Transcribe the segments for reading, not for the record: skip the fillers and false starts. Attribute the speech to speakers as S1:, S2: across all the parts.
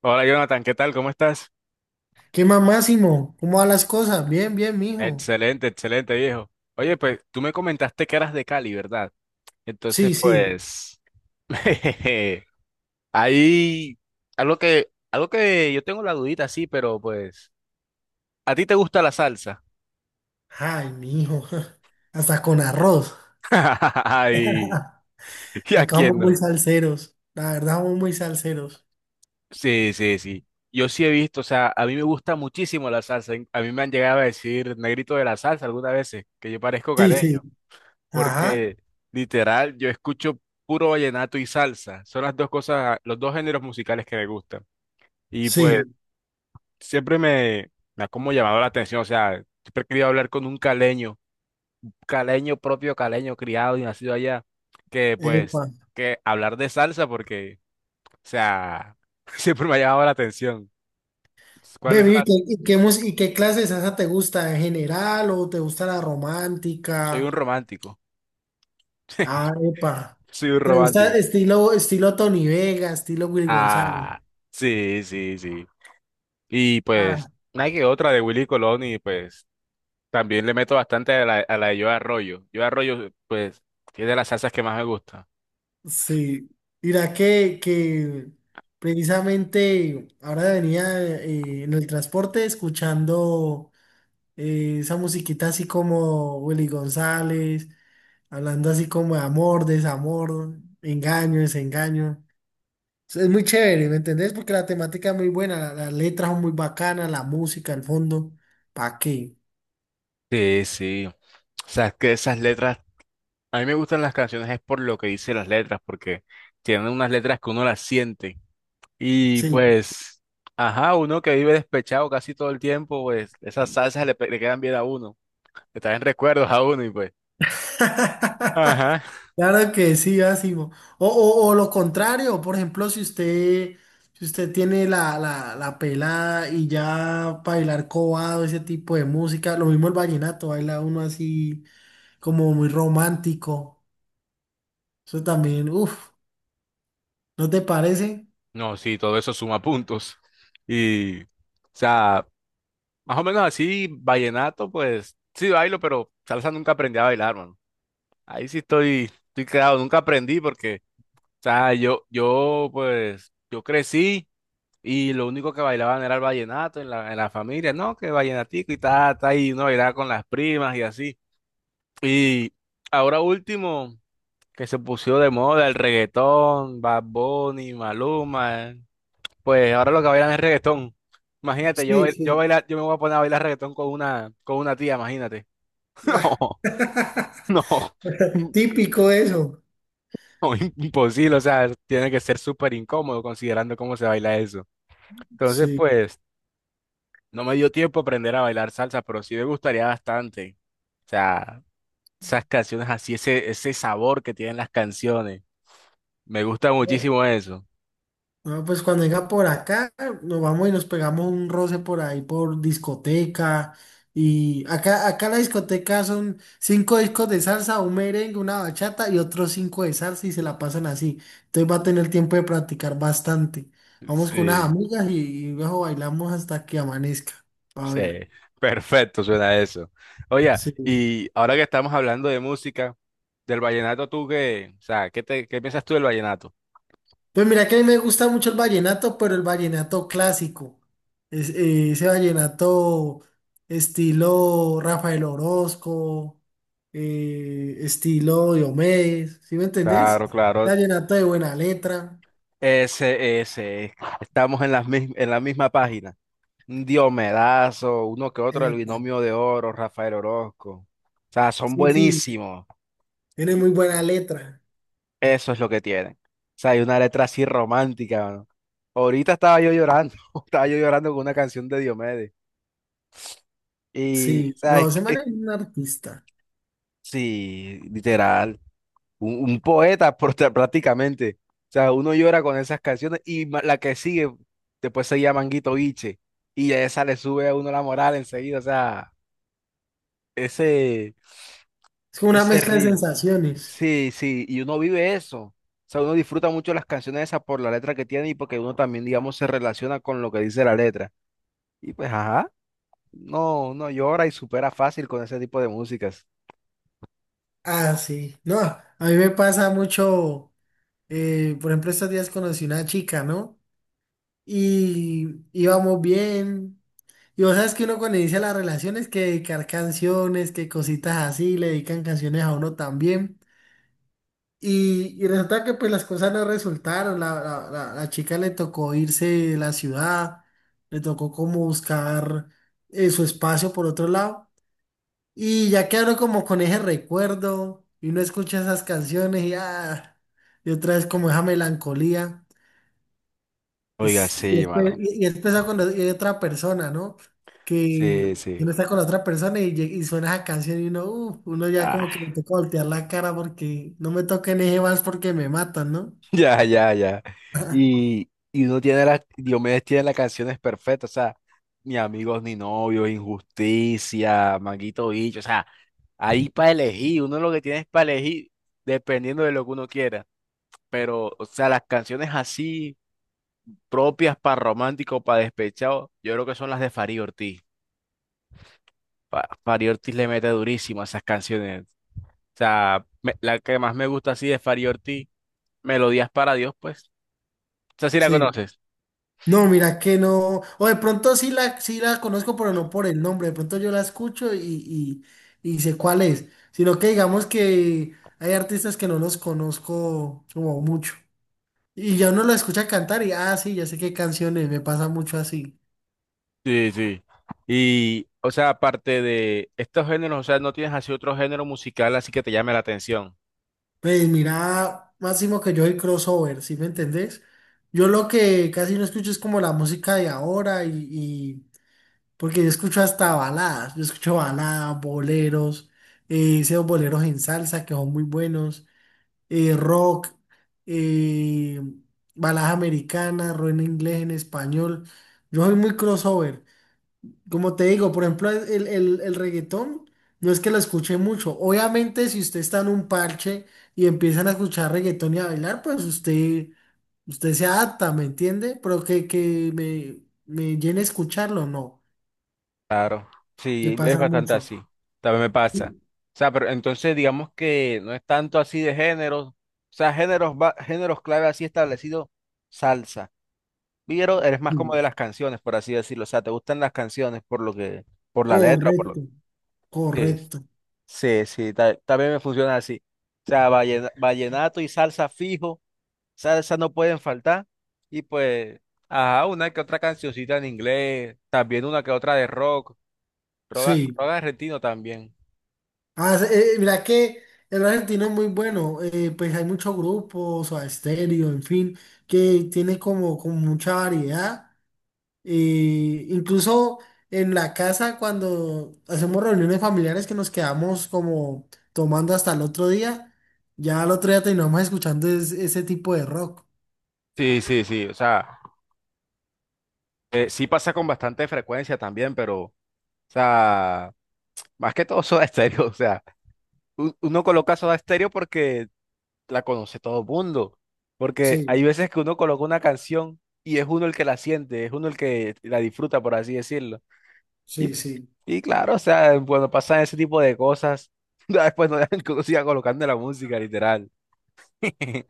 S1: Hola Jonathan, ¿qué tal? ¿Cómo estás?
S2: ¿Qué más, Máximo? ¿Cómo van las cosas? Bien, bien, mijo.
S1: Excelente, excelente viejo. Oye, pues tú me comentaste que eras de Cali, ¿verdad? Entonces,
S2: Sí, sí.
S1: pues, ahí, algo que yo tengo la dudita, sí, pero pues, ¿a ti te gusta la salsa?
S2: Ay, mijo. Hasta con arroz.
S1: Ay, ¿y a
S2: Acá somos
S1: quién
S2: muy
S1: no?
S2: salseros. La verdad, somos muy salseros.
S1: Sí, sí, sí. Yo sí he visto, o sea, a mí me gusta muchísimo la salsa. A mí me han llegado a decir negrito de la salsa algunas veces, que yo parezco
S2: Sí, sí.
S1: caleño.
S2: Ajá.
S1: Porque literal yo escucho puro vallenato y salsa. Son las dos cosas, los dos géneros musicales que me gustan. Y pues
S2: Sí.
S1: siempre me ha como llamado la atención, o sea, siempre he querido hablar con un caleño, caleño propio, caleño criado y nacido allá, que pues
S2: Epa.
S1: que hablar de salsa porque, o sea, siempre me ha llamado la atención. ¿Cuáles son
S2: Baby, ¿y qué,
S1: las?
S2: y qué mus- y qué clase de salsa te gusta en general o te gusta la
S1: Soy
S2: romántica?
S1: un romántico.
S2: Ah, epa.
S1: Soy un
S2: ¿Te
S1: romántico.
S2: gusta estilo Tony Vega, estilo Will González?
S1: Ah, sí, sí, sí. Y
S2: Ah,
S1: pues, una que otra de Willy Colón y pues también le meto bastante a la de Yo Arroyo. Yo Arroyo, pues, es de las salsas que más me gusta.
S2: sí, mira que precisamente ahora venía en el transporte escuchando esa musiquita así como Willy González, hablando así como de amor, desamor, engaño, desengaño. Es muy chévere, ¿me entendés? Porque la temática es muy buena, las letras son muy bacanas, la música, el fondo, ¿pa' qué?
S1: Sí, sí. O sea, es que esas letras, a mí me gustan las canciones es por lo que dice las letras, porque tienen unas letras que uno las siente. Y
S2: Sí.
S1: pues, ajá, uno que vive despechado casi todo el tiempo, pues esas salsas le, pe- le quedan bien a uno, le traen recuerdos a uno y pues. Ajá.
S2: Claro que sí, Asimo. O lo contrario, por ejemplo, si usted tiene la pelada y ya bailar cobado, ese tipo de música, lo mismo el vallenato, baila uno así como muy romántico. Eso también, uff, ¿no te parece?
S1: No, sí, todo eso suma puntos. Y, o sea, más o menos así, vallenato, pues sí bailo, pero salsa nunca aprendí a bailar, mano. Ahí sí estoy, estoy quedado, nunca aprendí porque, o sea, yo, pues, yo crecí y lo único que bailaban era el vallenato en la familia, ¿no? Que vallenatico y tal, tal, y uno bailaba con las primas y así. Y ahora último, que se puso de moda el reggaetón, Bad Bunny, Maluma, pues ahora lo que bailan es reggaetón. Imagínate, yo,
S2: Sí,
S1: bail- yo,
S2: sí.
S1: bailar, yo me voy a poner a bailar reggaetón con una tía, imagínate.
S2: Ah,
S1: No, no,
S2: típico eso.
S1: no, imposible, o sea, tiene que ser súper incómodo considerando cómo se baila eso. Entonces,
S2: Sí.
S1: pues, no me dio tiempo aprender a bailar salsa, pero sí me gustaría bastante. O sea, esas canciones así, ese sabor que tienen las canciones. Me gusta muchísimo eso.
S2: No, pues cuando venga por acá, nos vamos y nos pegamos un roce por ahí por discoteca. Y acá la discoteca son cinco discos de salsa, un merengue, una bachata y otros cinco de salsa y se la pasan así. Entonces va a tener tiempo de practicar bastante. Vamos con unas
S1: Sí.
S2: amigas y luego bailamos hasta que amanezca. A
S1: Sí,
S2: ver.
S1: perfecto, suena eso. Oye,
S2: Sí.
S1: y ahora que estamos hablando de música, del vallenato, ¿tú qué? O sea, ¿qué te, qué piensas tú del vallenato?
S2: Pues mira que a mí me gusta mucho el vallenato, pero el vallenato clásico. Ese vallenato estilo Rafael Orozco, estilo Diomedes, ¿sí me entendés?
S1: Claro, claro.
S2: Vallenato de buena letra.
S1: Ese, ese. Estamos en la misma página. Un Diomedazo, uno que otro, el
S2: Epa,
S1: Binomio de Oro, Rafael Orozco. O sea, son
S2: sí, sí,
S1: buenísimos.
S2: tiene muy buena letra.
S1: Eso es lo que tienen. O sea, hay una letra así romántica, mano. Ahorita estaba yo llorando, estaba yo llorando con una canción de Diomedes. Y, o
S2: Sí,
S1: sea, es,
S2: no, ese man
S1: es
S2: es un artista.
S1: sí, literal. Un poeta prota- prácticamente. O sea, uno llora con esas canciones y ma- la que sigue después se llama Manguito Biche y a esa le sube a uno la moral enseguida. O sea, ese,
S2: Es como una
S1: ese
S2: mezcla de
S1: ritmo.
S2: sensaciones.
S1: Sí, sí, y uno vive eso. O sea, uno disfruta mucho las canciones esas por la letra que tiene y porque uno también, digamos, se relaciona con lo que dice la letra. Y pues, ajá, no, uno llora y supera fácil con ese tipo de músicas.
S2: Ah, sí. No, a mí me pasa mucho, por ejemplo, estos días conocí una chica, ¿no? Y íbamos bien. Y vos sabes que uno cuando inicia las relaciones que dedicar canciones, que cositas así, le dedican canciones a uno también. Y resulta que pues las cosas no resultaron, la chica le tocó irse de la ciudad, le tocó como buscar su espacio por otro lado. Y ya quedaron como con ese recuerdo y uno escucha esas canciones y, ah, y otra vez como esa melancolía.
S1: Oiga,
S2: Y
S1: sí,
S2: después,
S1: mano.
S2: y después está con hay otra persona, ¿no? Que
S1: Sí, sí.
S2: uno está con la otra persona y, y suena esa canción y uno, uno ya como que le
S1: Ah.
S2: toca voltear la cara porque no me toquen ese vals porque me matan, ¿no?
S1: Ya, ya, ya. Y uno tiene las, Diomedes tiene las canciones perfectas, o sea, ni amigos ni novios, injusticia, manguito bicho, o sea, ahí para elegir, uno lo que tiene es para elegir dependiendo de lo que uno quiera, pero, o sea, las canciones así propias para romántico, para despechado, yo creo que son las de Fari Ortiz. Fa- Fari Ortiz le mete durísimo a esas canciones, o sea, me- la que más me gusta así de Fari Ortiz, Melodías para Dios, pues, o sea, si la
S2: Sí.
S1: conoces.
S2: No, mira que no. O de pronto sí la conozco, pero no por el nombre. De pronto yo la escucho y y sé cuál es. Sino que digamos que hay artistas que no los conozco como mucho. Y ya uno lo escucha cantar y, ah, sí, ya sé qué canciones, me pasa mucho así.
S1: Sí, sí. Y, o sea, aparte de estos géneros, o sea, no tienes así otro género musical así que te llame la atención.
S2: Pues mira, máximo que yo soy crossover, ¿sí me entendés? Yo lo que casi no escucho es como la música de ahora porque yo escucho hasta baladas, yo escucho baladas, boleros, esos boleros en salsa que son muy buenos, rock, eh, baladas americanas, rock en inglés, en español. Yo soy muy crossover. Como te digo, por ejemplo, el reggaetón no es que lo escuche mucho. Obviamente, si usted está en un parche y empiezan a escuchar reggaetón y a bailar, usted se adapta, ¿me entiende? Pero me llene escucharlo, no.
S1: Claro.
S2: Me
S1: Sí, es
S2: pasa
S1: bastante
S2: mucho.
S1: así. También me pasa.
S2: Sí,
S1: O sea, pero entonces digamos que no es tanto así de géneros. O sea, géneros, va- géneros clave así establecido, salsa. Pero eres más como
S2: sí.
S1: de las canciones, por así decirlo. O sea, te gustan las canciones por lo que, por la letra, por
S2: Correcto,
S1: lo que es.
S2: correcto.
S1: Sí, sí, ta- también me funciona así. O sea, vallena- vallenato y salsa fijo. Salsa no pueden faltar. Y pues, ajá, una que otra cancioncita en inglés, también una que otra de rock, rock,
S2: Sí.
S1: rock argentino también.
S2: Ah, mira que el argentino es muy bueno. Pues hay muchos grupos, o estéreo, en fin, que tiene como, como mucha variedad. Y incluso en la casa, cuando hacemos reuniones familiares que nos quedamos como tomando hasta el otro día, ya al otro día terminamos escuchando ese tipo de rock.
S1: Sí, sí, sí, o sea, sí pasa con bastante frecuencia también, pero, o sea, más que todo Soda Stereo, o sea, u- uno coloca Soda Stereo porque la conoce todo el mundo, porque hay
S2: Sí,
S1: veces que uno coloca una canción y es uno el que la siente, es uno el que la disfruta, por así decirlo, y
S2: sí, sí.
S1: Y claro, o sea, cuando pasan ese tipo de cosas, ya después no dejan que uno siga colocando la música, literal.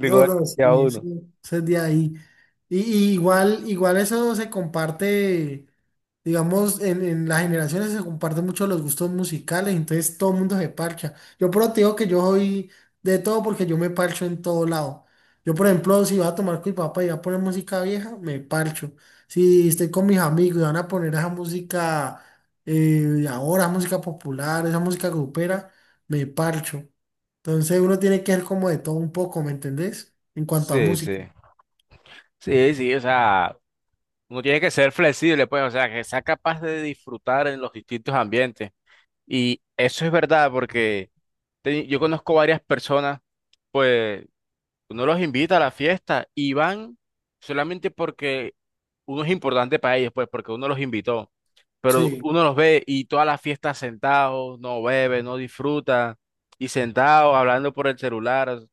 S2: No, no,
S1: ya
S2: sí,
S1: uno.
S2: eso es de ahí. Y igual, igual eso se comparte. Digamos, en las generaciones se comparten mucho los gustos musicales, entonces todo el mundo se parcha. Yo, pero te digo que yo soy de todo porque yo me parcho en todo lado. Yo, por ejemplo, si voy a tomar con mi papá y voy a poner música vieja, me parcho. Si estoy con mis amigos y van a poner esa música eh, de ahora, música popular, esa música grupera, me parcho. Entonces uno tiene que ser como de todo un poco, ¿me entendés? En cuanto a
S1: Sí,
S2: música.
S1: sí. Sí, sí, o sea, uno tiene que ser flexible, pues, o sea, que sea capaz de disfrutar en los distintos ambientes. Y eso es verdad, porque te- yo conozco varias personas, pues. Uno los invita a la fiesta y van solamente porque uno es importante para ellos, pues, porque uno los invitó. Pero
S2: Sí.
S1: uno los ve y todas las fiestas sentados, no bebe, no disfruta, y sentados hablando por el celular. O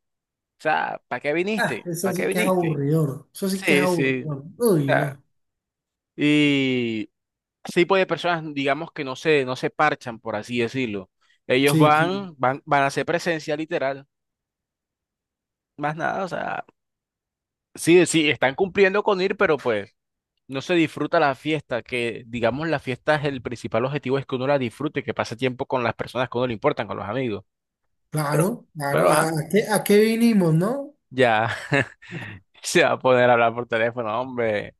S1: sea, ¿para qué
S2: Ah,
S1: viniste? ¿Para
S2: eso
S1: qué
S2: sí que es
S1: viniste?
S2: aburridor. Eso sí que es
S1: Sí, sí. O
S2: aburridor. Uy,
S1: sea,
S2: no.
S1: y ese tipo de personas, digamos que no se parchan, por así decirlo. Ellos
S2: Sí, sí,
S1: van a hacer presencia literal, más nada, o sea, sí, sí, están cumpliendo con ir, pero pues. No se disfruta la fiesta, que digamos la fiesta es el principal objetivo, es que uno la disfrute, que pase tiempo con las personas que a uno le importan, con los amigos. Pero,
S2: claro, claro.
S1: pero, ajá,
S2: A qué vinimos, no?
S1: ya se va a poder hablar por teléfono, hombre.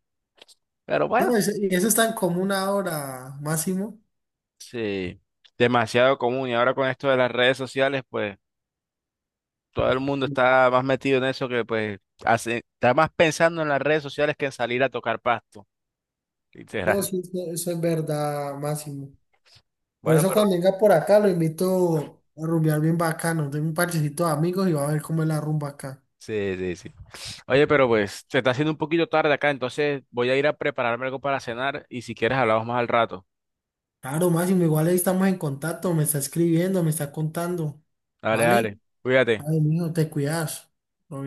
S1: Pero bueno,
S2: No, eso, y eso es tan común ahora, Máximo.
S1: sí, demasiado común. Y ahora con esto de las redes sociales, pues todo el mundo está más metido en eso que pues hace, está más pensando en las redes sociales que en salir a tocar pasto,
S2: No,
S1: literal.
S2: sí, eso es verdad, Máximo. Por
S1: Bueno,
S2: eso
S1: pero
S2: cuando venga por acá lo invito a rumbear bien bacano. Tengo un parchecito de amigos y va a ver cómo es la rumba acá.
S1: sí, sí, sí. Oye, pero pues se está haciendo un poquito tarde acá, entonces voy a ir a prepararme algo para cenar y si quieres hablamos más al rato.
S2: Claro, Máximo, igual ahí estamos en contacto, me está escribiendo, me está contando.
S1: Dale,
S2: ¿Vale?
S1: dale. Cuídate.
S2: Ay, mijo, te cuidas. Obvio.